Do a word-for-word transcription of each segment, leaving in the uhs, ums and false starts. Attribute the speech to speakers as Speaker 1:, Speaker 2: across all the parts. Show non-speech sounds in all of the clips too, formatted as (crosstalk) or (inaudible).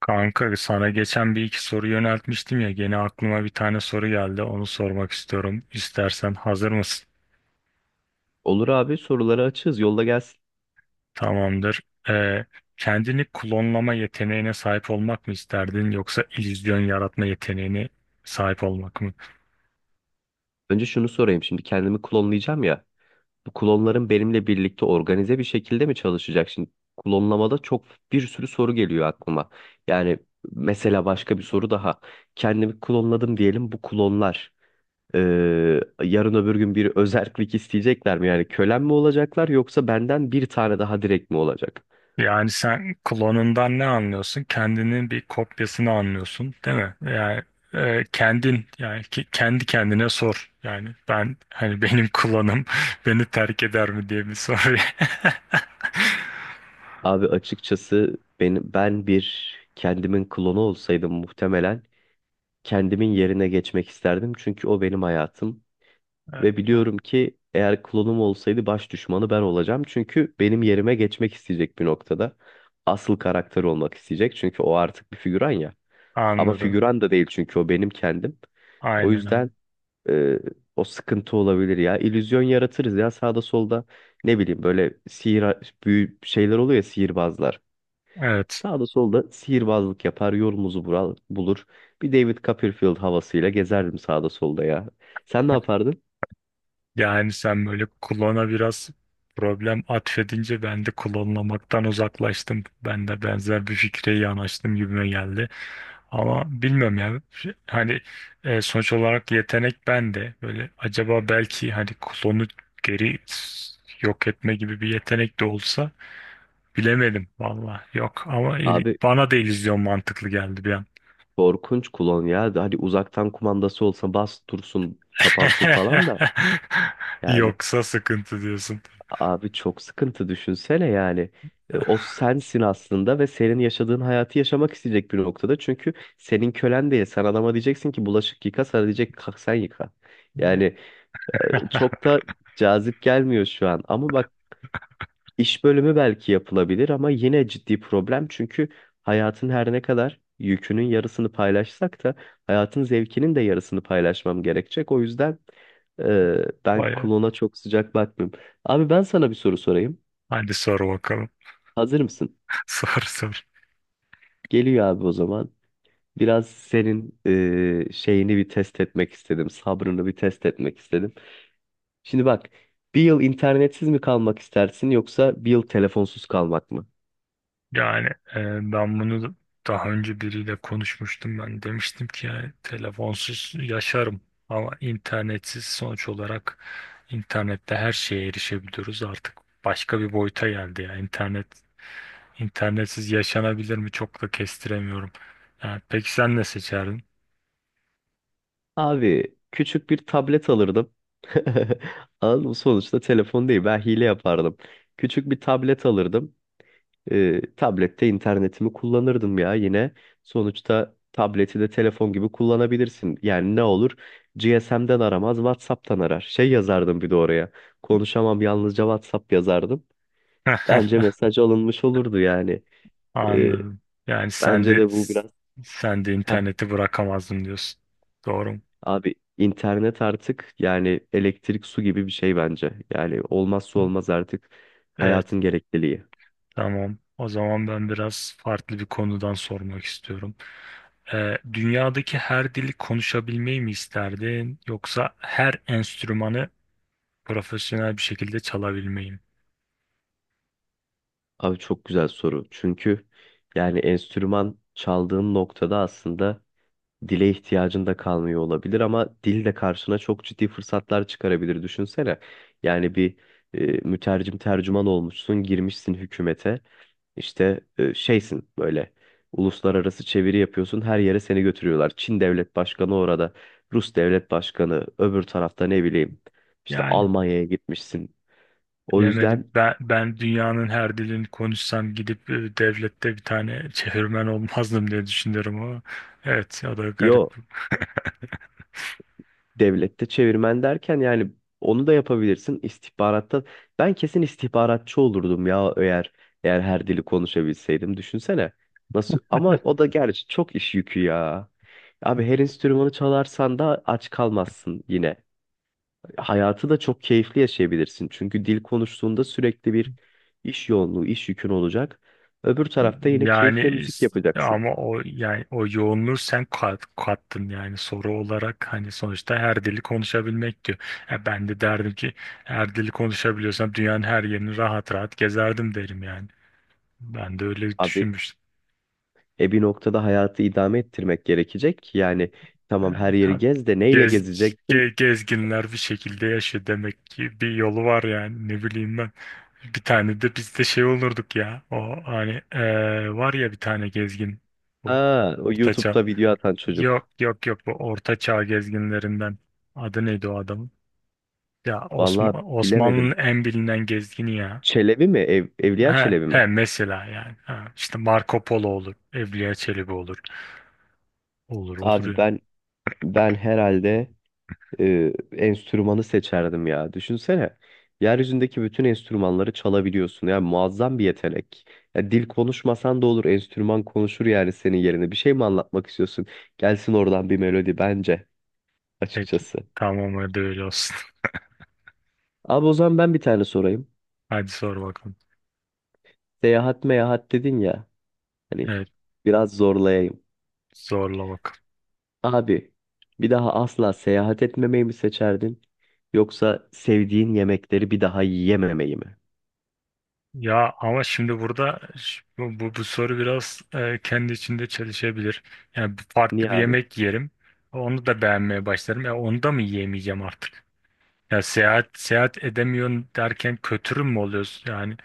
Speaker 1: Kanka sana geçen bir iki soru yöneltmiştim ya gene aklıma bir tane soru geldi onu sormak istiyorum. İstersen hazır mısın?
Speaker 2: Olur abi soruları açığız. Yolla gelsin.
Speaker 1: Tamamdır. Ee, kendini klonlama yeteneğine sahip olmak mı isterdin yoksa illüzyon yaratma yeteneğine sahip olmak mı?
Speaker 2: Önce şunu sorayım. Şimdi kendimi klonlayacağım ya. Bu klonların benimle birlikte organize bir şekilde mi çalışacak? Şimdi klonlamada çok bir sürü soru geliyor aklıma. Yani mesela başka bir soru daha. Kendimi klonladım diyelim bu klonlar. e, Yarın öbür gün bir özerklik isteyecekler mi? Yani kölen mi olacaklar yoksa benden bir tane daha direkt mi olacak?
Speaker 1: Yani sen klonundan ne anlıyorsun? Kendinin bir kopyasını anlıyorsun, değil mi? Yani e, kendin yani ki- kendi kendine sor. Yani ben hani benim klonum (laughs) beni terk eder mi diye bir soru. (laughs)
Speaker 2: Abi açıkçası ben, ben bir kendimin klonu olsaydım muhtemelen kendimin yerine geçmek isterdim. Çünkü o benim hayatım. Ve biliyorum ki eğer klonum olsaydı baş düşmanı ben olacağım. Çünkü benim yerime geçmek isteyecek bir noktada. Asıl karakter olmak isteyecek. Çünkü o artık bir figüran ya. Ama
Speaker 1: Anladım.
Speaker 2: figüran da değil çünkü o benim kendim. O
Speaker 1: Aynen
Speaker 2: yüzden
Speaker 1: aynen.
Speaker 2: e, o sıkıntı olabilir ya. İllüzyon yaratırız ya sağda solda. Ne bileyim böyle sihir büyü şeyler oluyor ya sihirbazlar.
Speaker 1: Evet.
Speaker 2: Sağda solda sihirbazlık yapar, yolumuzu bural- bulur. Bir David Copperfield havasıyla gezerdim sağda solda ya. Sen ne yapardın?
Speaker 1: Yani sen böyle klona biraz problem atfedince ben de klonlamaktan uzaklaştım. Ben de benzer bir fikre yanaştım gibime geldi. Ama bilmiyorum ya. Şey- Hani e, sonuç olarak yetenek bende. Böyle acaba belki hani klonu geri s- yok etme gibi bir yetenek de olsa bilemedim valla. Yok ama il-
Speaker 2: Abi
Speaker 1: bana da illüzyon mantıklı geldi bir an.
Speaker 2: korkunç klon ya. Hani uzaktan kumandası olsa bas dursun, kapansın falan da.
Speaker 1: (laughs)
Speaker 2: Yani
Speaker 1: Yoksa sıkıntı diyorsun.
Speaker 2: abi çok sıkıntı düşünsene yani. E, o sensin aslında ve senin yaşadığın hayatı yaşamak isteyecek bir noktada. Çünkü senin kölen değil. Sen adama diyeceksin ki bulaşık yıka, sana diyecek, "Kalk sen yıka." Yani
Speaker 1: (laughs)
Speaker 2: e, çok da cazip gelmiyor şu an. Ama bak. İş bölümü belki yapılabilir ama yine ciddi problem çünkü hayatın her ne kadar yükünün yarısını paylaşsak da hayatın zevkinin de yarısını paylaşmam gerekecek. O yüzden e, ben
Speaker 1: Baya.
Speaker 2: klona çok sıcak bakmıyorum. Abi ben sana bir soru sorayım.
Speaker 1: Hadi sor bakalım.
Speaker 2: Hazır mısın?
Speaker 1: (laughs) Sor sor.
Speaker 2: Geliyor abi o zaman. Biraz senin e, şeyini bir test etmek istedim. Sabrını bir test etmek istedim. Şimdi bak, bir yıl internetsiz mi kalmak istersin yoksa bir yıl telefonsuz kalmak mı?
Speaker 1: Yani e, ben bunu daha önce biriyle konuşmuştum ben demiştim ki yani telefonsuz yaşarım ama internetsiz sonuç olarak internette her şeye erişebiliyoruz artık başka bir boyuta geldi ya internet internetsiz yaşanabilir mi çok da kestiremiyorum. Yani peki sen ne seçerdin?
Speaker 2: Abi küçük bir tablet alırdım. (laughs) Anladın mı? Sonuçta telefon değil. Ben hile yapardım. Küçük bir tablet alırdım. Ee, tablette internetimi kullanırdım ya yine. Sonuçta tableti de telefon gibi kullanabilirsin. Yani ne olur? G S M'den aramaz, WhatsApp'tan arar. Şey yazardım bir de oraya. Konuşamam yalnızca WhatsApp yazardım. Bence
Speaker 1: (laughs)
Speaker 2: mesaj alınmış olurdu yani. Ee,
Speaker 1: Anladım. Yani sen
Speaker 2: Bence
Speaker 1: de
Speaker 2: de bu biraz...
Speaker 1: sen de
Speaker 2: (laughs)
Speaker 1: interneti bırakamazdın diyorsun. Doğru mu?
Speaker 2: Abi internet artık yani elektrik su gibi bir şey bence. Yani olmazsa olmaz artık
Speaker 1: Evet.
Speaker 2: hayatın gerekliliği.
Speaker 1: Tamam. O zaman ben biraz farklı bir konudan sormak istiyorum. Ee, dünyadaki her dili konuşabilmeyi mi isterdin yoksa her enstrümanı profesyonel bir şekilde çalabilmeyi mi?
Speaker 2: Abi çok güzel soru. Çünkü yani enstrüman çaldığın noktada aslında dile ihtiyacın da kalmıyor olabilir ama dil de karşına çok ciddi fırsatlar çıkarabilir düşünsene. Yani bir e, mütercim tercüman olmuşsun, girmişsin hükümete. İşte e, şeysin böyle uluslararası çeviri yapıyorsun her yere seni götürüyorlar. Çin devlet başkanı orada, Rus devlet başkanı öbür tarafta ne bileyim işte
Speaker 1: Ya
Speaker 2: Almanya'ya gitmişsin. O
Speaker 1: bilemedim.
Speaker 2: yüzden
Speaker 1: Ben, ben dünyanın her dilini konuşsam gidip e, devlette bir tane çevirmen olmazdım diye düşünüyorum ama evet o da garip.
Speaker 2: yo,
Speaker 1: (laughs)
Speaker 2: devlette çevirmen derken yani onu da yapabilirsin istihbaratta. Ben kesin istihbaratçı olurdum ya eğer eğer her dili konuşabilseydim düşünsene. Nasıl ama o da gerçi çok iş yükü ya. Abi her enstrümanı çalarsan da aç kalmazsın yine. Hayatı da çok keyifli yaşayabilirsin. Çünkü dil konuştuğunda sürekli bir iş yoğunluğu, iş yükün olacak. Öbür tarafta yine keyifle
Speaker 1: Yani
Speaker 2: müzik
Speaker 1: s-
Speaker 2: yapacaksın.
Speaker 1: ama o yani o yoğunluğu sen kat, kattın yani soru olarak hani sonuçta her dili konuşabilmek diyor. E ben de derdim ki her dili konuşabiliyorsam dünyanın her yerini rahat rahat gezerdim derim yani. Ben de öyle
Speaker 2: Abi
Speaker 1: düşünmüştüm.
Speaker 2: e bir noktada hayatı idame ettirmek gerekecek. Yani tamam
Speaker 1: Yani
Speaker 2: her yeri
Speaker 1: tabii
Speaker 2: gez de neyle
Speaker 1: gez,
Speaker 2: gezeceksin?
Speaker 1: ge- gezginler bir şekilde yaşıyor demek ki bir yolu var yani ne bileyim ben. Bir tane de biz de şey olurduk ya o hani e, var ya bir tane gezgin bu
Speaker 2: Ha, o
Speaker 1: ortaçağ.
Speaker 2: YouTube'da video atan çocuk.
Speaker 1: Yok yok yok, bu Orta Çağ gezginlerinden. Adı neydi o adamın? Ya
Speaker 2: Vallahi
Speaker 1: Osman, Osmanlı'nın
Speaker 2: bilemedim.
Speaker 1: en bilinen gezgini ya.
Speaker 2: Çelebi mi? Ev, Evliya
Speaker 1: He,
Speaker 2: Çelebi mi?
Speaker 1: he mesela yani. Ha, işte Marco Polo olur. Evliya Çelebi olur. Olur olur
Speaker 2: Abi
Speaker 1: ya.
Speaker 2: ben ben herhalde e, enstrümanı seçerdim ya. Düşünsene. Yeryüzündeki bütün enstrümanları çalabiliyorsun. Yani muazzam bir yetenek. Ya dil konuşmasan da olur. Enstrüman konuşur yani senin yerine. Bir şey mi anlatmak istiyorsun? Gelsin oradan bir melodi bence
Speaker 1: Peki.
Speaker 2: açıkçası.
Speaker 1: Tamam, hadi öyle olsun. (laughs)
Speaker 2: Abi o zaman ben bir tane sorayım.
Speaker 1: Hadi sor bakalım.
Speaker 2: Seyahat meyahat dedin ya. Hani
Speaker 1: Evet,
Speaker 2: biraz zorlayayım.
Speaker 1: zorla bakalım.
Speaker 2: Abi bir daha asla seyahat etmemeyi mi seçerdin? Yoksa sevdiğin yemekleri bir daha yiyememeyi mi?
Speaker 1: Ya ama şimdi burada ş- bu, bu, bu soru biraz e, kendi içinde çelişebilir. Yani bu farklı
Speaker 2: Niye
Speaker 1: bir
Speaker 2: abi?
Speaker 1: yemek yerim. Onu da beğenmeye başlarım. Ya onu da mı yiyemeyeceğim artık? Ya seyahat seyahat edemiyorsun derken kötürüm mü oluyoruz yani?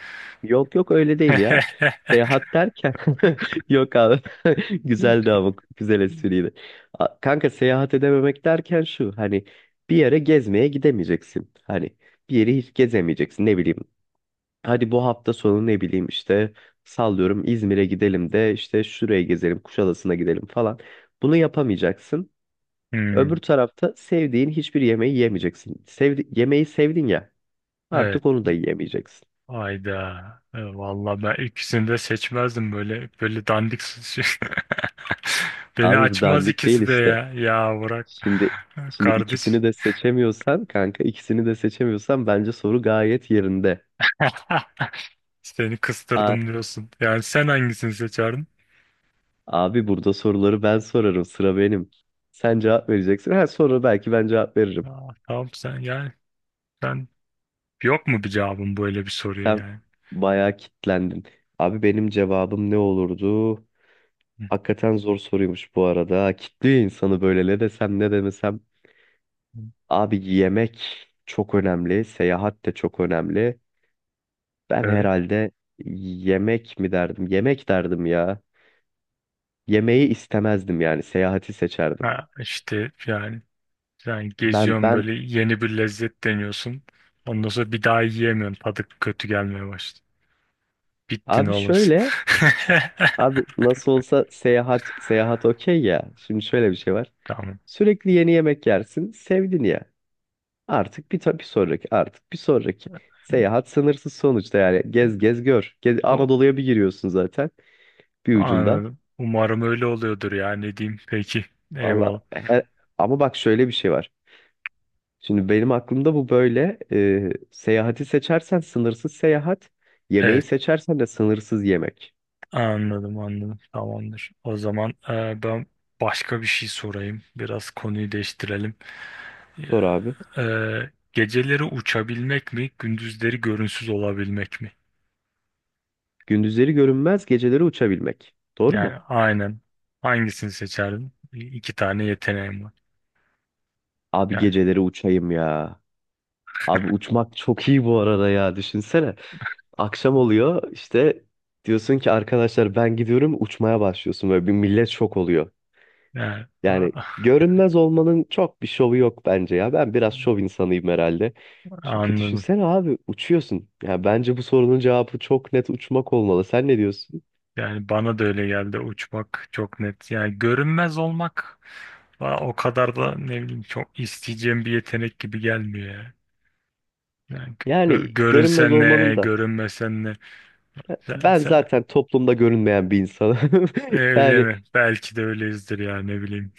Speaker 2: Yok yok öyle değil ya.
Speaker 1: (laughs)
Speaker 2: Seyahat derken (laughs) yok abi. (laughs) Güzeldi ama güzel espriydi. A- Kanka, seyahat edememek derken şu hani bir yere gezmeye gidemeyeceksin. Hani bir yeri hiç gezemeyeceksin ne bileyim. Hadi bu hafta sonu ne bileyim işte sallıyorum İzmir'e gidelim de işte şuraya gezelim Kuşadası'na gidelim falan. Bunu yapamayacaksın. Öbür
Speaker 1: Hmm,
Speaker 2: tarafta sevdiğin hiçbir yemeği yemeyeceksin. Sevdi yemeği sevdin ya
Speaker 1: evet.
Speaker 2: artık onu da yiyemeyeceksin.
Speaker 1: Ayda. E, vallahi ben ikisini de seçmezdim böyle böyle dandik s- şey. (laughs) Beni
Speaker 2: Abi bu
Speaker 1: açmaz
Speaker 2: dandik değil.
Speaker 1: ikisi de ya. Ya bırak.
Speaker 2: Şimdi
Speaker 1: (laughs)
Speaker 2: şimdi
Speaker 1: Kardeş.
Speaker 2: ikisini de seçemiyorsan kanka, ikisini de seçemiyorsan bence soru gayet yerinde.
Speaker 1: (laughs) Seni
Speaker 2: A
Speaker 1: kıstırdım diyorsun. Yani sen hangisini seçerdin?
Speaker 2: Abi, burada soruları ben sorarım, sıra benim. Sen cevap vereceksin. Her soru belki ben cevap veririm.
Speaker 1: Aa, tamam sen yani sen yok mu bir cevabın böyle bir soruya
Speaker 2: Sen
Speaker 1: yani?
Speaker 2: bayağı kitlendin. Abi benim cevabım ne olurdu?
Speaker 1: Hı.
Speaker 2: Hakikaten zor soruymuş bu arada. Kitliyor insanı böyle, ne desem ne demesem.
Speaker 1: Hı.
Speaker 2: Abi yemek çok önemli. Seyahat de çok önemli. Ben
Speaker 1: Evet.
Speaker 2: herhalde yemek mi derdim? Yemek derdim ya. Yemeği istemezdim yani seyahati seçerdim.
Speaker 1: Ha, işte yani sen
Speaker 2: Ben
Speaker 1: geziyorsun
Speaker 2: ben
Speaker 1: böyle yeni bir lezzet deniyorsun. Ondan sonra bir daha yiyemiyorsun. Tadı kötü gelmeye başladı. Bittin
Speaker 2: abi
Speaker 1: oğlum sen.
Speaker 2: şöyle, abi
Speaker 1: (laughs)
Speaker 2: nasıl olsa seyahat seyahat okey ya. Şimdi şöyle bir şey var.
Speaker 1: Tamam.
Speaker 2: Sürekli yeni yemek yersin, sevdin ya. Artık bir tabii sonraki, artık bir sonraki. Seyahat sınırsız sonuçta, yani gez gez gör. Gez,
Speaker 1: O,
Speaker 2: Anadolu'ya bir giriyorsun zaten bir ucundan.
Speaker 1: anladım. Umarım öyle oluyordur ya ne diyeyim. Peki.
Speaker 2: Valla
Speaker 1: Eyvallah.
Speaker 2: he- ama bak şöyle bir şey var. Şimdi benim aklımda bu böyle, e, seyahati seçersen sınırsız seyahat,
Speaker 1: Ee,
Speaker 2: yemeği seçersen de sınırsız yemek.
Speaker 1: Anladım anladım tamamdır. O zaman e, ben başka bir şey sorayım. Biraz konuyu değiştirelim.
Speaker 2: Sor abi.
Speaker 1: E, geceleri uçabilmek mi, gündüzleri görünsüz olabilmek mi?
Speaker 2: Gündüzleri görünmez, geceleri uçabilmek. Doğru
Speaker 1: Yani
Speaker 2: mu?
Speaker 1: aynen. Hangisini seçerdin? İki tane yeteneğim var.
Speaker 2: Abi
Speaker 1: Yani,
Speaker 2: geceleri uçayım ya. Abi uçmak çok iyi bu arada ya. Düşünsene. Akşam oluyor işte, diyorsun ki arkadaşlar ben gidiyorum, uçmaya başlıyorsun. Böyle bir millet şok oluyor.
Speaker 1: yani,
Speaker 2: Yani
Speaker 1: ah,
Speaker 2: görünmez olmanın çok bir şovu yok bence ya. Ben biraz şov insanıyım herhalde. Çünkü
Speaker 1: anladım.
Speaker 2: düşünsene abi, uçuyorsun. Ya bence bu sorunun cevabı çok net uçmak olmalı. Sen ne diyorsun?
Speaker 1: Yani bana da öyle geldi, uçmak çok net. Yani görünmez olmak bana o kadar da ne bileyim çok isteyeceğim bir yetenek gibi gelmiyor ya. Yani gö-
Speaker 2: Yani görünmez
Speaker 1: görünsen ne,
Speaker 2: olmanın da...
Speaker 1: görünmesen ne. Sen,
Speaker 2: Ben
Speaker 1: sen,
Speaker 2: zaten toplumda görünmeyen bir insanım. (laughs)
Speaker 1: E, öyle
Speaker 2: Yani,
Speaker 1: mi? Belki de öyleyizdir ya ne bileyim.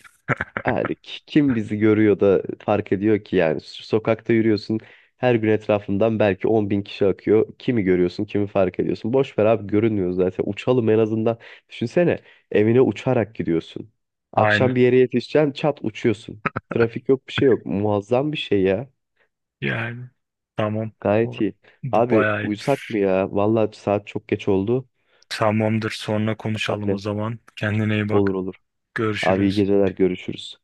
Speaker 2: yani ki- kim bizi görüyor da fark ediyor ki yani so- sokakta yürüyorsun, her gün etrafından belki 10 bin kişi akıyor. Kimi görüyorsun, kimi fark ediyorsun. Boş ver abi, görünmüyoruz zaten, uçalım en azından. Düşünsene, evine uçarak gidiyorsun. Akşam
Speaker 1: Aynen.
Speaker 2: bir yere yetişeceksin, çat uçuyorsun. Trafik yok, bir şey yok. Muazzam bir şey ya.
Speaker 1: Yani tamam. O,
Speaker 2: Gayet iyi.
Speaker 1: bu
Speaker 2: Abi
Speaker 1: bayağı iyi.
Speaker 2: uyusak mı ya? Vallahi saat çok geç oldu.
Speaker 1: Tamamdır. Sonra konuşalım o
Speaker 2: Aynen,
Speaker 1: zaman. Kendine iyi
Speaker 2: olur
Speaker 1: bak.
Speaker 2: olur. Abi iyi
Speaker 1: Görüşürüz.
Speaker 2: geceler, görüşürüz.